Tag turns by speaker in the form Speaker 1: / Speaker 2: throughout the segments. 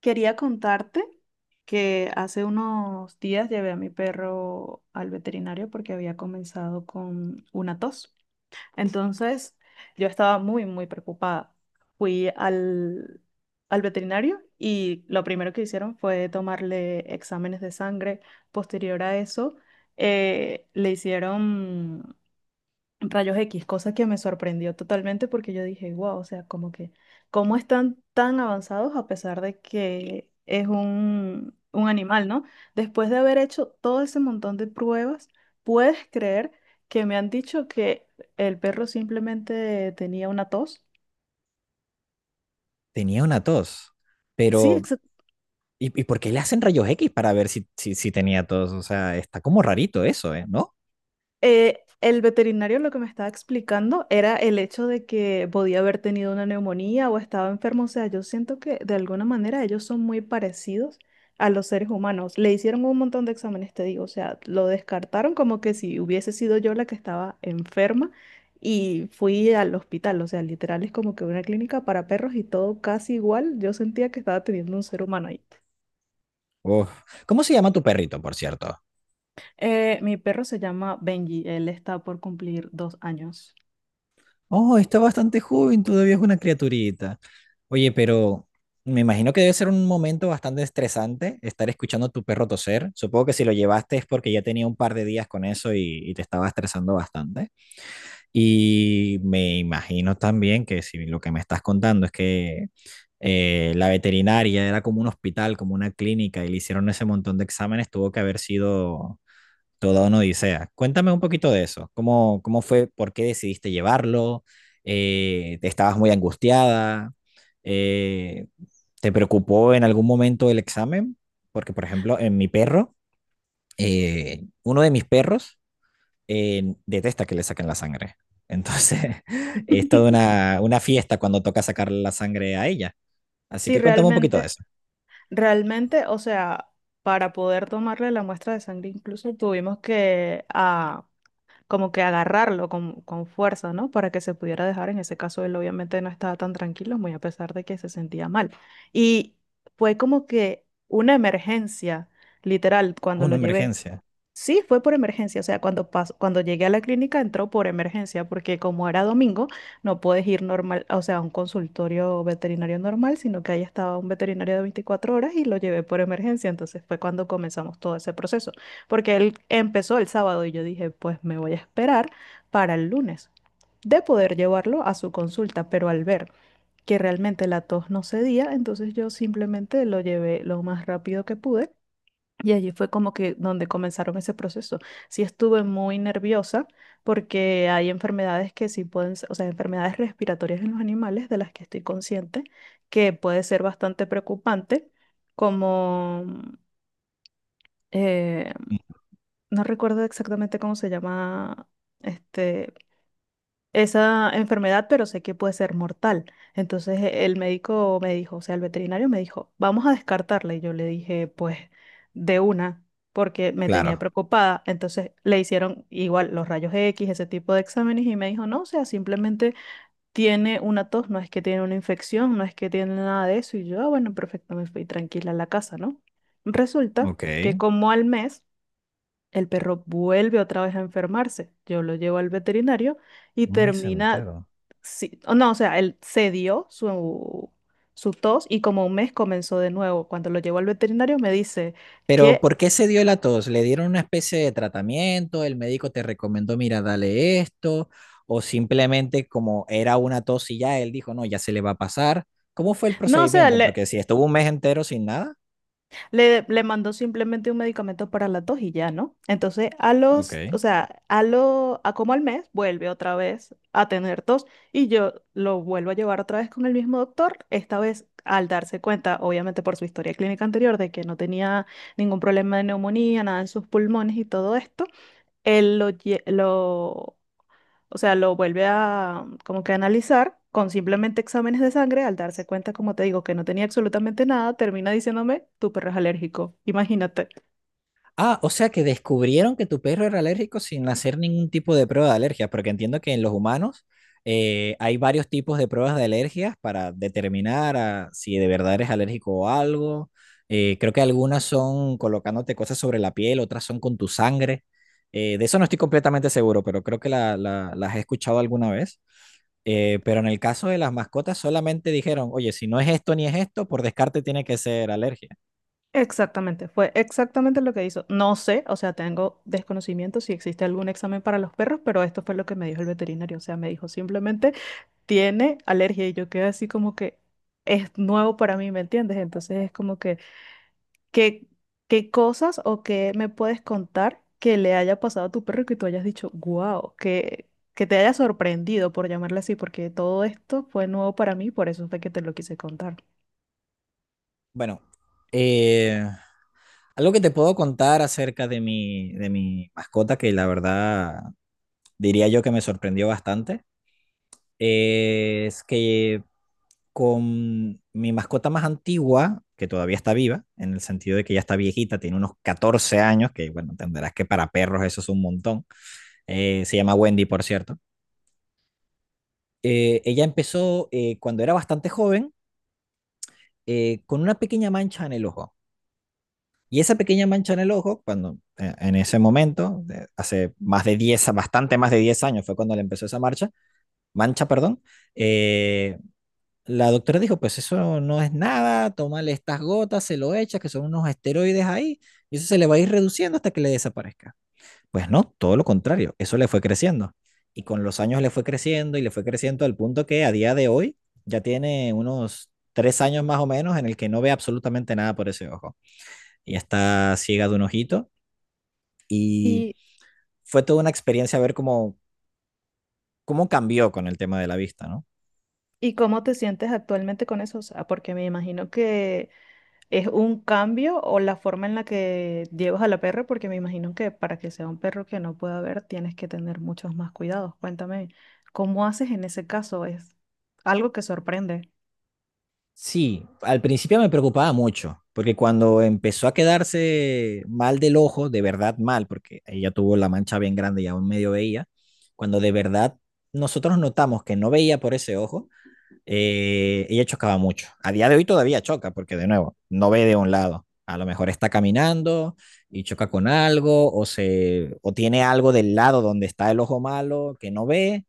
Speaker 1: Quería contarte que hace unos días llevé a mi perro al veterinario porque había comenzado con una tos. Entonces, yo estaba muy, muy preocupada. Fui al veterinario y lo primero que hicieron fue tomarle exámenes de sangre. Posterior a eso, le hicieron rayos X, cosa que me sorprendió totalmente porque yo dije, wow, o sea, como que, ¿cómo están tan avanzados, a pesar de que es un animal? ¿No? Después de haber hecho todo ese montón de pruebas, ¿puedes creer que me han dicho que el perro simplemente tenía una tos?
Speaker 2: Tenía una tos,
Speaker 1: Sí.
Speaker 2: pero ¿Y por qué le hacen rayos X para ver si tenía tos? O sea, está como rarito eso, ¿eh? ¿No?
Speaker 1: El veterinario lo que me estaba explicando era el hecho de que podía haber tenido una neumonía o estaba enfermo. O sea, yo siento que de alguna manera ellos son muy parecidos a los seres humanos. Le hicieron un montón de exámenes, te digo. O sea, lo descartaron como que si hubiese sido yo la que estaba enferma y fui al hospital. O sea, literal es como que una clínica para perros y todo casi igual. Yo sentía que estaba teniendo un ser humano ahí.
Speaker 2: Uf. ¿Cómo se llama tu perrito, por cierto?
Speaker 1: Mi perro se llama Benji. Él está por cumplir 2 años.
Speaker 2: Oh, está bastante joven, todavía es una criaturita. Oye, pero me imagino que debe ser un momento bastante estresante estar escuchando a tu perro toser. Supongo que si lo llevaste es porque ya tenía un par de días con eso y te estaba estresando bastante. Y me imagino también que si lo que me estás contando es que la veterinaria era como un hospital, como una clínica, y le hicieron ese montón de exámenes, tuvo que haber sido toda una odisea. Cuéntame un poquito de eso. ¿Cómo fue? ¿Por qué decidiste llevarlo? ¿Te ¿estabas muy angustiada? Eh, ¿te preocupó en algún momento el examen? Porque, por ejemplo, en mi perro, uno de mis perros, detesta que le saquen la sangre. Entonces, es toda una fiesta cuando toca sacarle la sangre a ella. Así
Speaker 1: Sí,
Speaker 2: que cuéntame un poquito de
Speaker 1: realmente,
Speaker 2: eso.
Speaker 1: realmente, o sea, para poder tomarle la muestra de sangre incluso tuvimos que a como que agarrarlo con fuerza, ¿no? Para que se pudiera dejar. En ese caso, él obviamente no estaba tan tranquilo, muy a pesar de que se sentía mal. Y fue como que una emergencia, literal, cuando lo
Speaker 2: Una
Speaker 1: llevé.
Speaker 2: emergencia.
Speaker 1: Sí, fue por emergencia, o sea, cuando llegué a la clínica entró por emergencia, porque como era domingo, no puedes ir normal, o sea, a un consultorio veterinario normal, sino que ahí estaba un veterinario de 24 horas y lo llevé por emergencia. Entonces fue cuando comenzamos todo ese proceso, porque él empezó el sábado y yo dije, pues me voy a esperar para el lunes de poder llevarlo a su consulta, pero al ver que realmente la tos no cedía, entonces yo simplemente lo llevé lo más rápido que pude y allí fue como que donde comenzaron ese proceso. Sí estuve muy nerviosa porque hay enfermedades que sí pueden, o sea, enfermedades respiratorias en los animales de las que estoy consciente que puede ser bastante preocupante, como eh, no recuerdo exactamente cómo se llama este, esa enfermedad, pero sé que puede ser mortal. Entonces el médico me dijo, o sea, el veterinario me dijo, vamos a descartarla. Y yo le dije, pues, de una, porque me tenía
Speaker 2: Claro.
Speaker 1: preocupada. Entonces le hicieron igual los rayos X, ese tipo de exámenes, y me dijo, no, o sea, simplemente tiene una tos, no es que tiene una infección, no es que tiene nada de eso. Y yo, "Ah, bueno, perfecto". Me fui tranquila a la casa, ¿no? Resulta
Speaker 2: Ok.
Speaker 1: que como al mes el perro vuelve otra vez a enfermarse. Yo lo llevo al veterinario y
Speaker 2: Un mes
Speaker 1: termina,
Speaker 2: entero.
Speaker 1: sí, o no, o sea, él cedió su, su tos y como un mes comenzó de nuevo. Cuando lo llevo al veterinario me dice
Speaker 2: Pero,
Speaker 1: que,
Speaker 2: ¿por qué se dio la tos? ¿Le dieron una especie de tratamiento? ¿El médico te recomendó, mira, dale esto? ¿O simplemente como era una tos y ya él dijo, no, ya se le va a pasar? ¿Cómo fue el
Speaker 1: no, o sea,
Speaker 2: procedimiento?
Speaker 1: le,
Speaker 2: Porque si estuvo un mes entero sin nada.
Speaker 1: Le, le mandó simplemente un medicamento para la tos y ya, ¿no? Entonces, o
Speaker 2: Ok.
Speaker 1: sea, a como al mes, vuelve otra vez a tener tos y yo lo vuelvo a llevar otra vez con el mismo doctor. Esta vez, al darse cuenta, obviamente por su historia clínica anterior, de que no tenía ningún problema de neumonía, nada en sus pulmones y todo esto, él lo, lle- lo o sea, lo vuelve a como que analizar con simplemente exámenes de sangre. Al darse cuenta, como te digo, que no tenía absolutamente nada, termina diciéndome, tu perro es alérgico. Imagínate.
Speaker 2: Ah, o sea que descubrieron que tu perro era alérgico sin hacer ningún tipo de prueba de alergia, porque entiendo que en los humanos hay varios tipos de pruebas de alergias para determinar si de verdad eres alérgico a algo. Creo que algunas son colocándote cosas sobre la piel, otras son con tu sangre. De eso no estoy completamente seguro, pero creo que las he escuchado alguna vez. Pero en el caso de las mascotas solamente dijeron, oye, si no es esto ni es esto, por descarte tiene que ser alergia.
Speaker 1: Exactamente, fue exactamente lo que hizo. No sé, o sea, tengo desconocimiento si existe algún examen para los perros, pero esto fue lo que me dijo el veterinario. O sea, me dijo simplemente, tiene alergia y yo quedé así como que es nuevo para mí, ¿me entiendes? Entonces es como que... ¿Qué, qué cosas o qué me puedes contar que le haya pasado a tu perro que tú hayas dicho, wow, que te haya sorprendido por llamarle así, porque todo esto fue nuevo para mí, por eso fue que te lo quise contar.
Speaker 2: Bueno. Eh, Algo que te puedo contar acerca de mi mascota, que la verdad diría yo que me sorprendió bastante, es que con mi mascota más antigua, que todavía está viva, en el sentido de que ya está viejita, tiene unos 14 años, que bueno, entenderás que para perros eso es un montón, se llama Wendy, por cierto, ella empezó cuando era bastante joven con una pequeña mancha en el ojo. Y esa pequeña mancha en el ojo, cuando en ese momento, de- hace más de 10 bastante más de 10 años fue cuando le empezó esa marcha, mancha, perdón, eh, la doctora dijo, pues eso no es nada, tómale estas gotas, se lo echas que son unos esteroides ahí, y eso se le va a ir reduciendo hasta que le desaparezca. Pues no, todo lo contrario, eso le fue creciendo. Y con los años le fue creciendo y le fue creciendo al punto que a día de hoy ya tiene unos 3 años más o menos en el que no ve absolutamente nada por ese ojo. Y está ciega de un ojito y
Speaker 1: ¿Y
Speaker 2: fue toda una experiencia ver cómo cambió con el tema de la vista, ¿no?
Speaker 1: y cómo te sientes actualmente con eso? O sea, porque me imagino que es un cambio o la forma en la que llevas a la perra, porque me imagino que para que sea un perro que no pueda ver tienes que tener muchos más cuidados. Cuéntame, ¿cómo haces en ese caso? Es algo que sorprende.
Speaker 2: Sí, al principio me preocupaba mucho, porque cuando empezó a quedarse mal del ojo, de verdad mal, porque ella tuvo la mancha bien grande y aún medio veía, cuando de verdad nosotros notamos que no veía por ese ojo, ella chocaba mucho. A día de hoy todavía choca, porque de nuevo, no ve de un lado. A lo mejor está caminando y choca con algo, o, se, o tiene algo del lado donde está el ojo malo que no ve,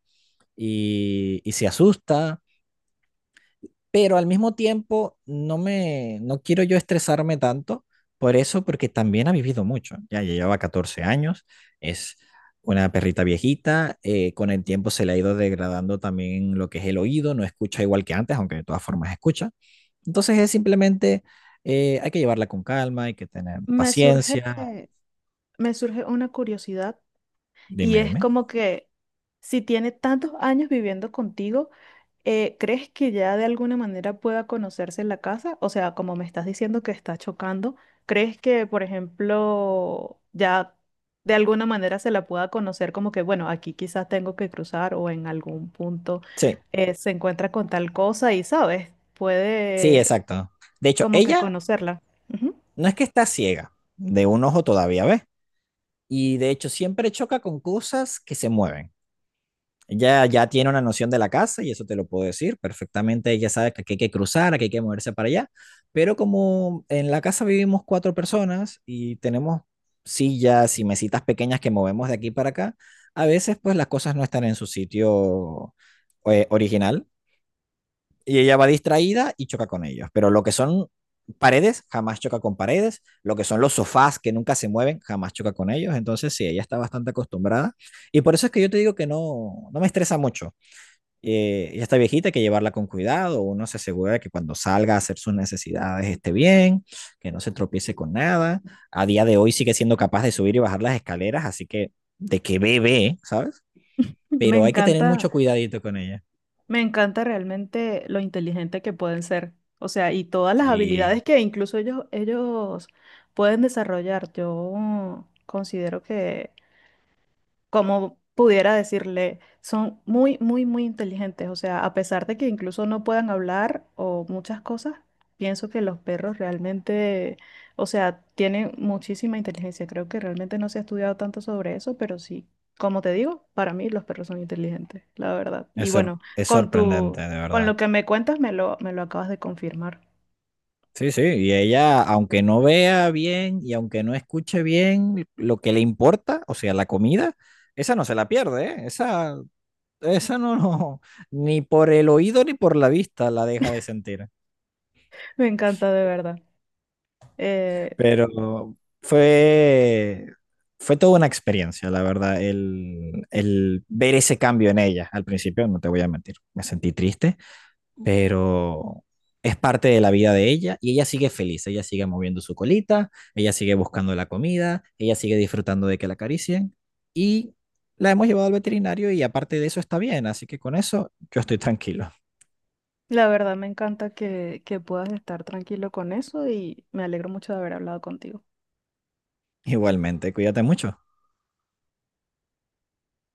Speaker 2: y se asusta, pero al mismo tiempo no quiero yo estresarme tanto por eso, porque también ha vivido mucho, ya llevaba 14 años, es una perrita viejita, con el tiempo se le ha ido degradando también lo que es el oído, no escucha igual que antes, aunque de todas formas escucha. Entonces es simplemente, hay que llevarla con calma, hay que tener
Speaker 1: Me surge
Speaker 2: paciencia.
Speaker 1: me surge una curiosidad, y
Speaker 2: Dime,
Speaker 1: es
Speaker 2: dime.
Speaker 1: como que si tiene tantos años viviendo contigo, ¿crees que ya de alguna manera pueda conocerse en la casa? O sea, como me estás diciendo que está chocando, ¿crees que, por ejemplo, ya de alguna manera se la pueda conocer como que, bueno, aquí quizás tengo que cruzar o en algún punto
Speaker 2: Sí,
Speaker 1: se encuentra con tal cosa y, ¿sabes?
Speaker 2: sí,
Speaker 1: Puede
Speaker 2: exacto. De hecho,
Speaker 1: como que
Speaker 2: ella
Speaker 1: conocerla. Ujú.
Speaker 2: no es que está ciega, de un ojo todavía, ¿ves? Y de hecho siempre choca con cosas que se mueven. Ella ya tiene una noción de la casa y eso te lo puedo decir perfectamente. Ella sabe que aquí hay que cruzar, que hay que moverse para allá. Pero como en la casa vivimos cuatro personas y tenemos sillas y mesitas pequeñas que movemos de aquí para acá, a veces pues las cosas no están en su sitio original y ella va distraída y choca con ellos. Pero lo que son paredes, jamás choca con paredes. Lo que son los sofás que nunca se mueven, jamás choca con ellos. Entonces, sí, ella está bastante acostumbrada. Y por eso es que yo te digo que no, no me estresa mucho. Ella está viejita, hay que llevarla con cuidado. Uno se asegura de que cuando salga a hacer sus necesidades esté bien, que no se tropiece con nada. A día de hoy sigue siendo capaz de subir y bajar las escaleras, así que de que bebe, ¿sabes?
Speaker 1: Me
Speaker 2: Pero hay que tener
Speaker 1: encanta.
Speaker 2: mucho cuidadito con ella.
Speaker 1: Me encanta realmente lo inteligente que pueden ser, o sea, y todas las habilidades
Speaker 2: Sí,
Speaker 1: que incluso ellos pueden desarrollar. Yo considero que como pudiera decirle, son muy, muy, muy inteligentes. O sea, a pesar de que incluso no puedan hablar o muchas cosas, pienso que los perros realmente, o sea, tienen muchísima inteligencia. Creo que realmente no se ha estudiado tanto sobre eso, pero sí, como te digo, para mí los perros son inteligentes, la verdad. Y bueno,
Speaker 2: Es
Speaker 1: con tu,
Speaker 2: sorprendente, de
Speaker 1: con lo
Speaker 2: verdad.
Speaker 1: que me cuentas, me lo acabas de confirmar.
Speaker 2: Sí, sí, y ella, aunque no vea bien y aunque no escuche bien lo que le importa, o sea, la comida, esa no se la pierde, ¿eh? Esa no, no, ni por el oído ni por la vista la deja de sentir.
Speaker 1: Me encanta de verdad. Eh,
Speaker 2: Pero fue, fue toda una experiencia, la verdad, el ver ese cambio en ella. Al principio, no te voy a mentir, me sentí triste. Pero es parte de la vida de ella y ella sigue feliz, ella sigue moviendo su colita, ella sigue buscando la comida, ella sigue disfrutando de que la acaricien y la hemos llevado al veterinario y aparte de eso está bien, así que con eso yo estoy tranquilo.
Speaker 1: La verdad me encanta que puedas estar tranquilo con eso y me alegro mucho de haber hablado contigo.
Speaker 2: Igualmente, cuídate mucho.